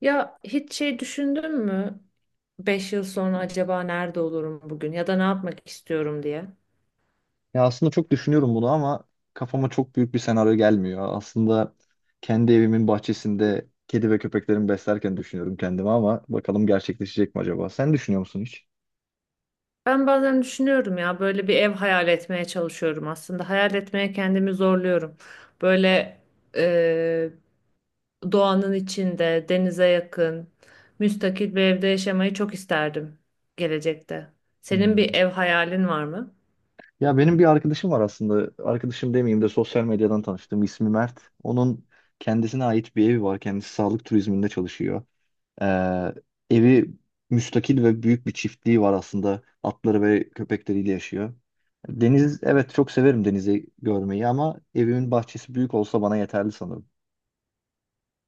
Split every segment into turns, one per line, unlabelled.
Ya hiç şey düşündün mü? 5 yıl sonra acaba nerede olurum bugün ya da ne yapmak istiyorum diye.
Ya aslında çok düşünüyorum bunu ama kafama çok büyük bir senaryo gelmiyor. Aslında kendi evimin bahçesinde kedi ve köpeklerimi beslerken düşünüyorum kendimi ama bakalım gerçekleşecek mi acaba? Sen düşünüyor musun hiç?
Ben bazen düşünüyorum ya böyle bir ev hayal etmeye çalışıyorum aslında. Hayal etmeye kendimi zorluyorum. Böyle eee, doğanın içinde, denize yakın, müstakil bir evde yaşamayı çok isterdim gelecekte. Senin
Hmm.
bir ev hayalin var mı?
Ya benim bir arkadaşım var aslında. Arkadaşım demeyeyim de sosyal medyadan tanıştım. İsmi Mert. Onun kendisine ait bir evi var. Kendisi sağlık turizminde çalışıyor. Ee, evi müstakil ve büyük bir çiftliği var aslında. Atları ve köpekleriyle yaşıyor. Deniz, evet çok severim denizi görmeyi ama evimin bahçesi büyük olsa bana yeterli sanırım.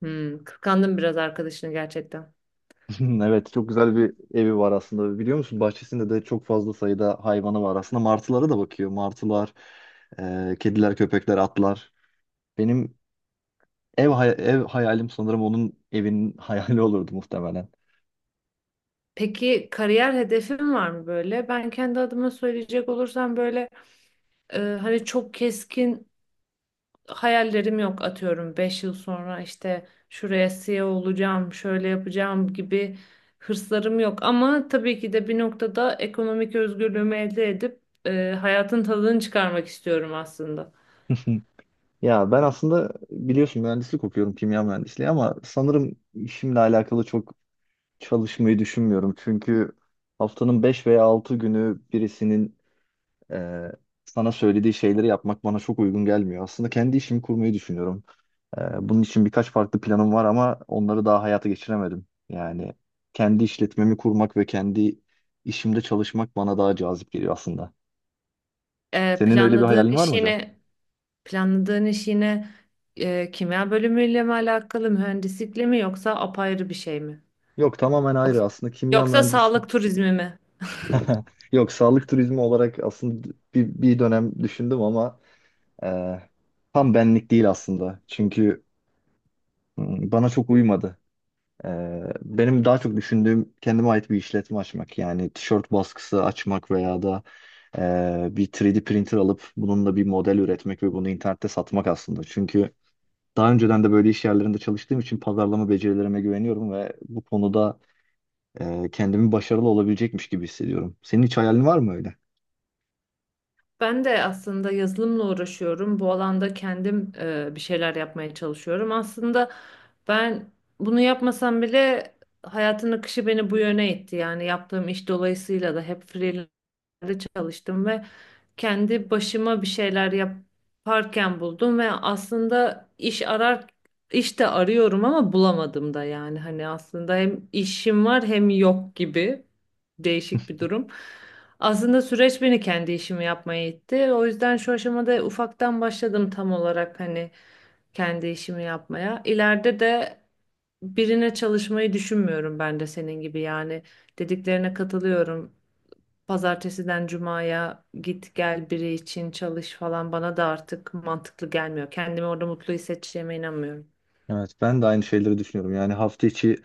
Hmm, kıskandım biraz arkadaşını gerçekten.
Evet, çok güzel bir evi var aslında. Biliyor musun, bahçesinde de çok fazla sayıda hayvanı var. Aslında martılara da bakıyor. Martılar, kediler, köpekler, atlar. Benim ev hayalim sanırım onun evinin hayali olurdu muhtemelen.
Peki kariyer hedefin var mı böyle? Ben kendi adıma söyleyecek olursam böyle hani çok keskin hayallerim yok, atıyorum 5 yıl sonra işte şuraya CEO olacağım, şöyle yapacağım gibi hırslarım yok. Ama tabii ki de bir noktada ekonomik özgürlüğümü elde edip hayatın tadını çıkarmak istiyorum aslında.
Ya ben aslında biliyorsun mühendislik okuyorum, kimya mühendisliği, ama sanırım işimle alakalı çok çalışmayı düşünmüyorum. Çünkü haftanın 5 veya 6 günü birisinin e, sana söylediği şeyleri yapmak bana çok uygun gelmiyor. Aslında kendi işimi kurmayı düşünüyorum. Bunun için birkaç farklı planım var ama onları daha hayata geçiremedim. Yani kendi işletmemi kurmak ve kendi işimde çalışmak bana daha cazip geliyor aslında.
E,
Senin öyle bir
planladığın
hayalin var
iş
mı hocam?
yine planladığın iş yine kimya bölümüyle mi alakalı, mühendislikle mi yoksa apayrı bir şey mi?
Yok, tamamen ayrı
Yoksa,
aslında kimya.
yoksa sağlık turizmi mi?
Yok, sağlık turizmi olarak aslında bir dönem düşündüm ama e, tam benlik değil aslında. Çünkü bana çok uymadı. E, Benim daha çok düşündüğüm kendime ait bir işletme açmak. Yani tişört baskısı açmak veya da bir 3D printer alıp bununla bir model üretmek ve bunu internette satmak aslında. Çünkü daha önceden de böyle iş yerlerinde çalıştığım için pazarlama becerilerime güveniyorum ve bu konuda kendimi başarılı olabilecekmiş gibi hissediyorum. Senin hiç hayalin var mı öyle?
Ben de aslında yazılımla uğraşıyorum. Bu alanda kendim bir şeyler yapmaya çalışıyorum. Aslında ben bunu yapmasam bile hayatın akışı beni bu yöne itti. Yani yaptığım iş dolayısıyla da hep freelance'de çalıştım ve kendi başıma bir şeyler yaparken buldum ve aslında iş de arıyorum ama bulamadım da, yani hani aslında hem işim var hem yok gibi değişik bir durum. Aslında süreç beni kendi işimi yapmaya itti. O yüzden şu aşamada ufaktan başladım tam olarak hani kendi işimi yapmaya. İleride de birine çalışmayı düşünmüyorum ben de senin gibi, yani dediklerine katılıyorum, pazartesiden cumaya git gel biri için çalış falan bana da artık mantıklı gelmiyor. Kendimi orada mutlu hissedeceğime inanmıyorum.
Evet, ben de aynı şeyleri düşünüyorum. Yani hafta içi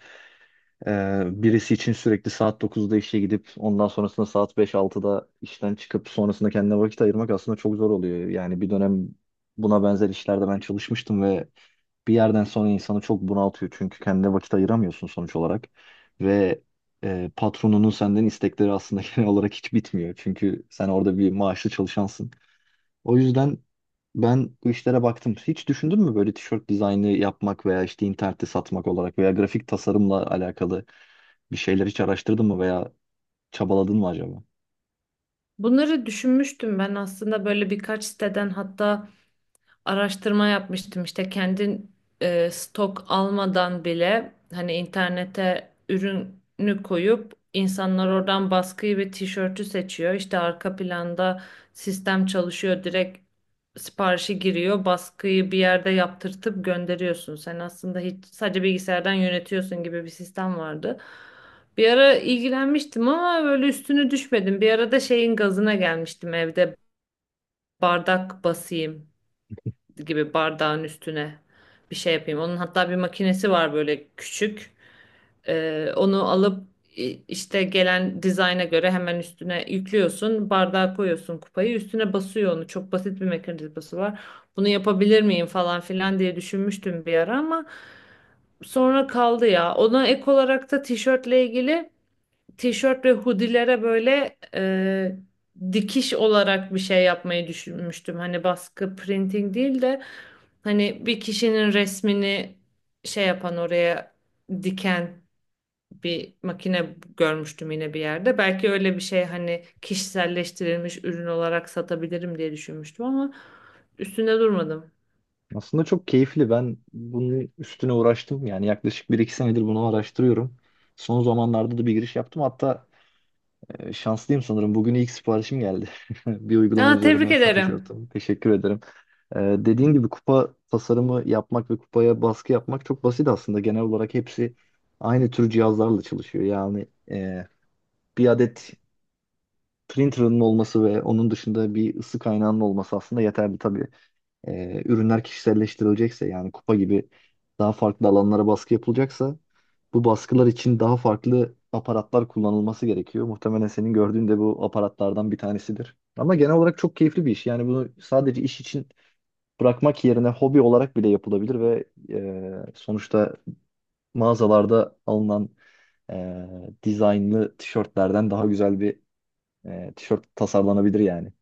birisi için sürekli saat 9'da işe gidip ondan sonrasında saat 5-6'da işten çıkıp sonrasında kendine vakit ayırmak aslında çok zor oluyor. Yani bir dönem buna benzer işlerde ben çalışmıştım ve bir yerden sonra insanı çok bunaltıyor. Çünkü kendine vakit ayıramıyorsun sonuç olarak. Ve patronunun senden istekleri aslında genel olarak hiç bitmiyor. Çünkü sen orada bir maaşlı çalışansın. O yüzden ben bu işlere baktım. Hiç düşündün mü böyle tişört dizaynı yapmak veya işte internette satmak olarak veya grafik tasarımla alakalı bir şeyler hiç araştırdın mı veya çabaladın mı acaba?
Bunları düşünmüştüm ben aslında, böyle birkaç siteden hatta araştırma yapmıştım, işte kendin stok almadan bile hani internete ürünü koyup insanlar oradan baskıyı ve tişörtü seçiyor. İşte arka planda sistem çalışıyor, direkt siparişi giriyor, baskıyı bir yerde yaptırtıp gönderiyorsun. Sen aslında hiç, sadece bilgisayardan yönetiyorsun gibi bir sistem vardı. Bir ara ilgilenmiştim ama böyle üstüne düşmedim. Bir ara da şeyin gazına gelmiştim evde bardak basayım gibi, bardağın üstüne bir şey yapayım. Onun hatta bir makinesi var böyle küçük. Onu alıp işte gelen dizayna göre hemen üstüne yüklüyorsun. Bardağa koyuyorsun, kupayı üstüne basıyor onu. Çok basit bir mekanizması var. Bunu yapabilir miyim falan filan diye düşünmüştüm bir ara ama sonra kaldı ya. Ona ek olarak da tişört ve hoodie'lere böyle dikiş olarak bir şey yapmayı düşünmüştüm. Hani baskı printing değil de hani bir kişinin resmini şey yapan, oraya diken bir makine görmüştüm yine bir yerde. Belki öyle bir şey hani kişiselleştirilmiş ürün olarak satabilirim diye düşünmüştüm ama üstünde durmadım.
Aslında çok keyifli. Ben bunun üstüne uğraştım. Yani yaklaşık bir iki senedir bunu araştırıyorum. Son zamanlarda da bir giriş yaptım. Hatta şanslıyım sanırım. Bugün ilk siparişim geldi. Bir uygulama
Aa, tebrik
üzerinden satış
ederim.
yaptım. Teşekkür ederim. Dediğin gibi kupa tasarımı yapmak ve kupaya baskı yapmak çok basit aslında. Genel olarak hepsi aynı tür cihazlarla çalışıyor. Yani bir adet printer'ın olması ve onun dışında bir ısı kaynağının olması aslında yeterli tabii. Ürünler kişiselleştirilecekse yani kupa gibi daha farklı alanlara baskı yapılacaksa bu baskılar için daha farklı aparatlar kullanılması gerekiyor. Muhtemelen senin gördüğün de bu aparatlardan bir tanesidir. Ama genel olarak çok keyifli bir iş. Yani bunu sadece iş için bırakmak yerine hobi olarak bile yapılabilir ve sonuçta mağazalarda alınan e, dizaynlı tişörtlerden daha güzel bir tişört tasarlanabilir yani.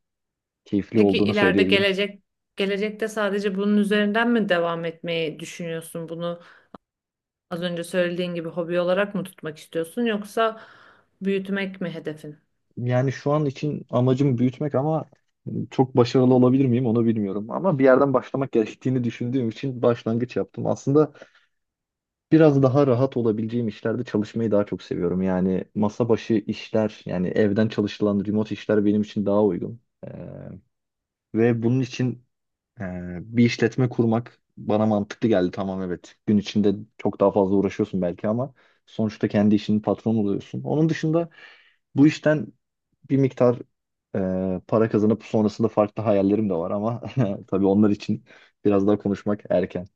Keyifli
Peki
olduğunu
ileride
söyleyebilirim.
gelecekte sadece bunun üzerinden mi devam etmeyi düşünüyorsun? Bunu az önce söylediğin gibi hobi olarak mı tutmak istiyorsun, yoksa büyütmek mi hedefin?
Yani şu an için amacım büyütmek ama çok başarılı olabilir miyim onu bilmiyorum. Ama bir yerden başlamak gerektiğini düşündüğüm için başlangıç yaptım. Aslında biraz daha rahat olabileceğim işlerde çalışmayı daha çok seviyorum. Yani masa başı işler, yani evden çalışılan remote işler benim için daha uygun. Ee, Ve bunun için e, bir işletme kurmak bana mantıklı geldi. Tamam, evet. Gün içinde çok daha fazla uğraşıyorsun belki ama sonuçta kendi işinin patronu oluyorsun. Onun dışında bu işten bir miktar para kazanıp sonrasında farklı hayallerim de var ama tabii onlar için biraz daha konuşmak erken.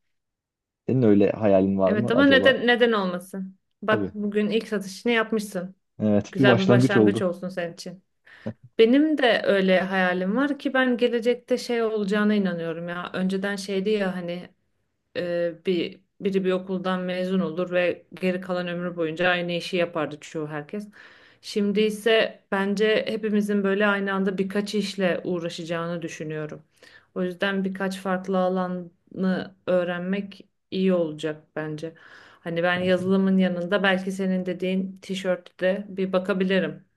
Senin öyle hayalin var mı
Evet ama
acaba?
neden, neden olmasın?
Tabii.
Bak bugün ilk satışını yapmışsın.
Evet, bir
Güzel bir
başlangıç
başlangıç
oldu.
olsun senin için. Benim de öyle hayalim var ki, ben gelecekte şey olacağına inanıyorum ya. Önceden şeydi ya hani biri bir okuldan mezun olur ve geri kalan ömrü boyunca aynı işi yapardı çoğu herkes. Şimdi ise bence hepimizin böyle aynı anda birkaç işle uğraşacağını düşünüyorum. O yüzden birkaç farklı alanı öğrenmek iyi olacak bence. Hani ben
Bence,
yazılımın yanında belki senin dediğin tişörtte bir bakabilirim.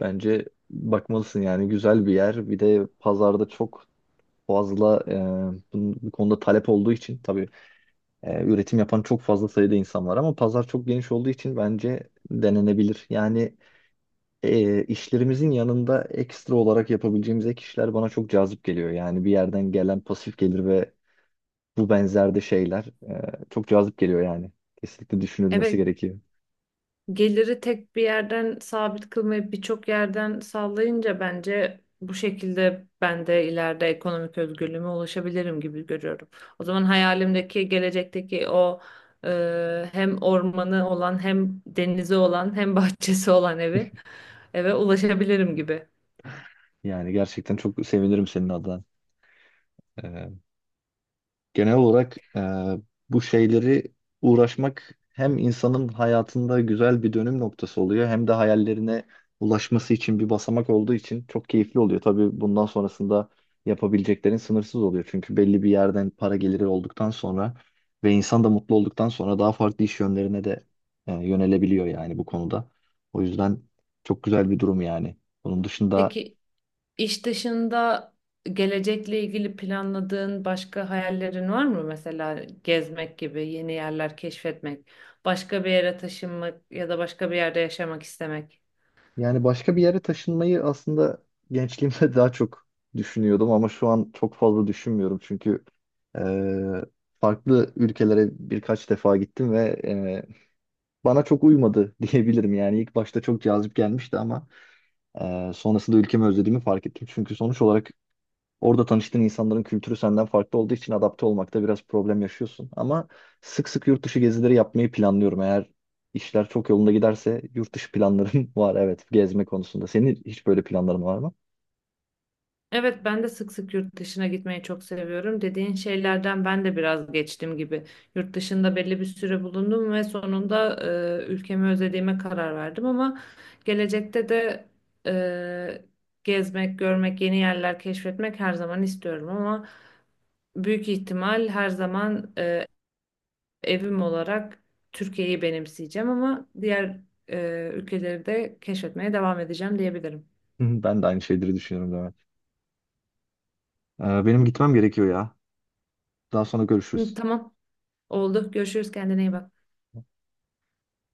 bence bakmalısın, yani güzel bir yer. Bir de pazarda çok fazla bu konuda talep olduğu için tabii üretim yapan çok fazla sayıda insan var ama pazar çok geniş olduğu için bence denenebilir. Yani işlerimizin yanında ekstra olarak yapabileceğimiz ek işler bana çok cazip geliyor. Yani bir yerden gelen pasif gelir ve bu benzerde şeyler e, çok cazip geliyor yani. Kesinlikle düşünülmesi
Evet,
gerekiyor.
geliri tek bir yerden sabit kılmayıp birçok yerden sağlayınca bence bu şekilde ben de ileride ekonomik özgürlüğüme ulaşabilirim gibi görüyorum. O zaman hayalimdeki gelecekteki o e, hem ormanı olan, hem denizi olan, hem bahçesi olan eve ulaşabilirim gibi.
Yani gerçekten çok sevinirim senin adına. Ee, Genel olarak bu şeyleri uğraşmak hem insanın hayatında güzel bir dönüm noktası oluyor hem de hayallerine ulaşması için bir basamak olduğu için çok keyifli oluyor. Tabii bundan sonrasında yapabileceklerin sınırsız oluyor. Çünkü belli bir yerden para geliri olduktan sonra ve insan da mutlu olduktan sonra daha farklı iş yönlerine de yönelebiliyor yani bu konuda. O yüzden çok güzel bir durum yani. Bunun dışında,
Peki İş dışında gelecekle ilgili planladığın başka hayallerin var mı? Mesela gezmek gibi, yeni yerler keşfetmek, başka bir yere taşınmak ya da başka bir yerde yaşamak istemek.
yani başka bir yere taşınmayı aslında gençliğimde daha çok düşünüyordum ama şu an çok fazla düşünmüyorum çünkü eee, farklı ülkelere birkaç defa gittim ve bana çok uymadı diyebilirim. Yani ilk başta çok cazip gelmişti ama sonrasında ülkemi özlediğimi fark ettim. Çünkü sonuç olarak orada tanıştığın insanların kültürü senden farklı olduğu için adapte olmakta biraz problem yaşıyorsun. Ama sık sık yurt dışı gezileri yapmayı planlıyorum. Eğer işler çok yolunda giderse yurt dışı planlarım var, evet, gezme konusunda. Senin hiç böyle planların var mı?
Evet, ben de sık sık yurt dışına gitmeyi çok seviyorum. Dediğin şeylerden ben de biraz geçtim gibi. Yurt dışında belli bir süre bulundum ve sonunda ülkemi özlediğime karar verdim ama gelecekte de e, gezmek, görmek, yeni yerler keşfetmek her zaman istiyorum ama büyük ihtimal her zaman evim olarak Türkiye'yi benimseyeceğim ama diğer ülkeleri de keşfetmeye devam edeceğim diyebilirim.
Hı hı. Ben de aynı şeyleri düşünüyorum, Levent. Benim gitmem gerekiyor ya. Daha sonra
Hı,
görüşürüz.
tamam, oldu. Görüşürüz. Kendine iyi bak.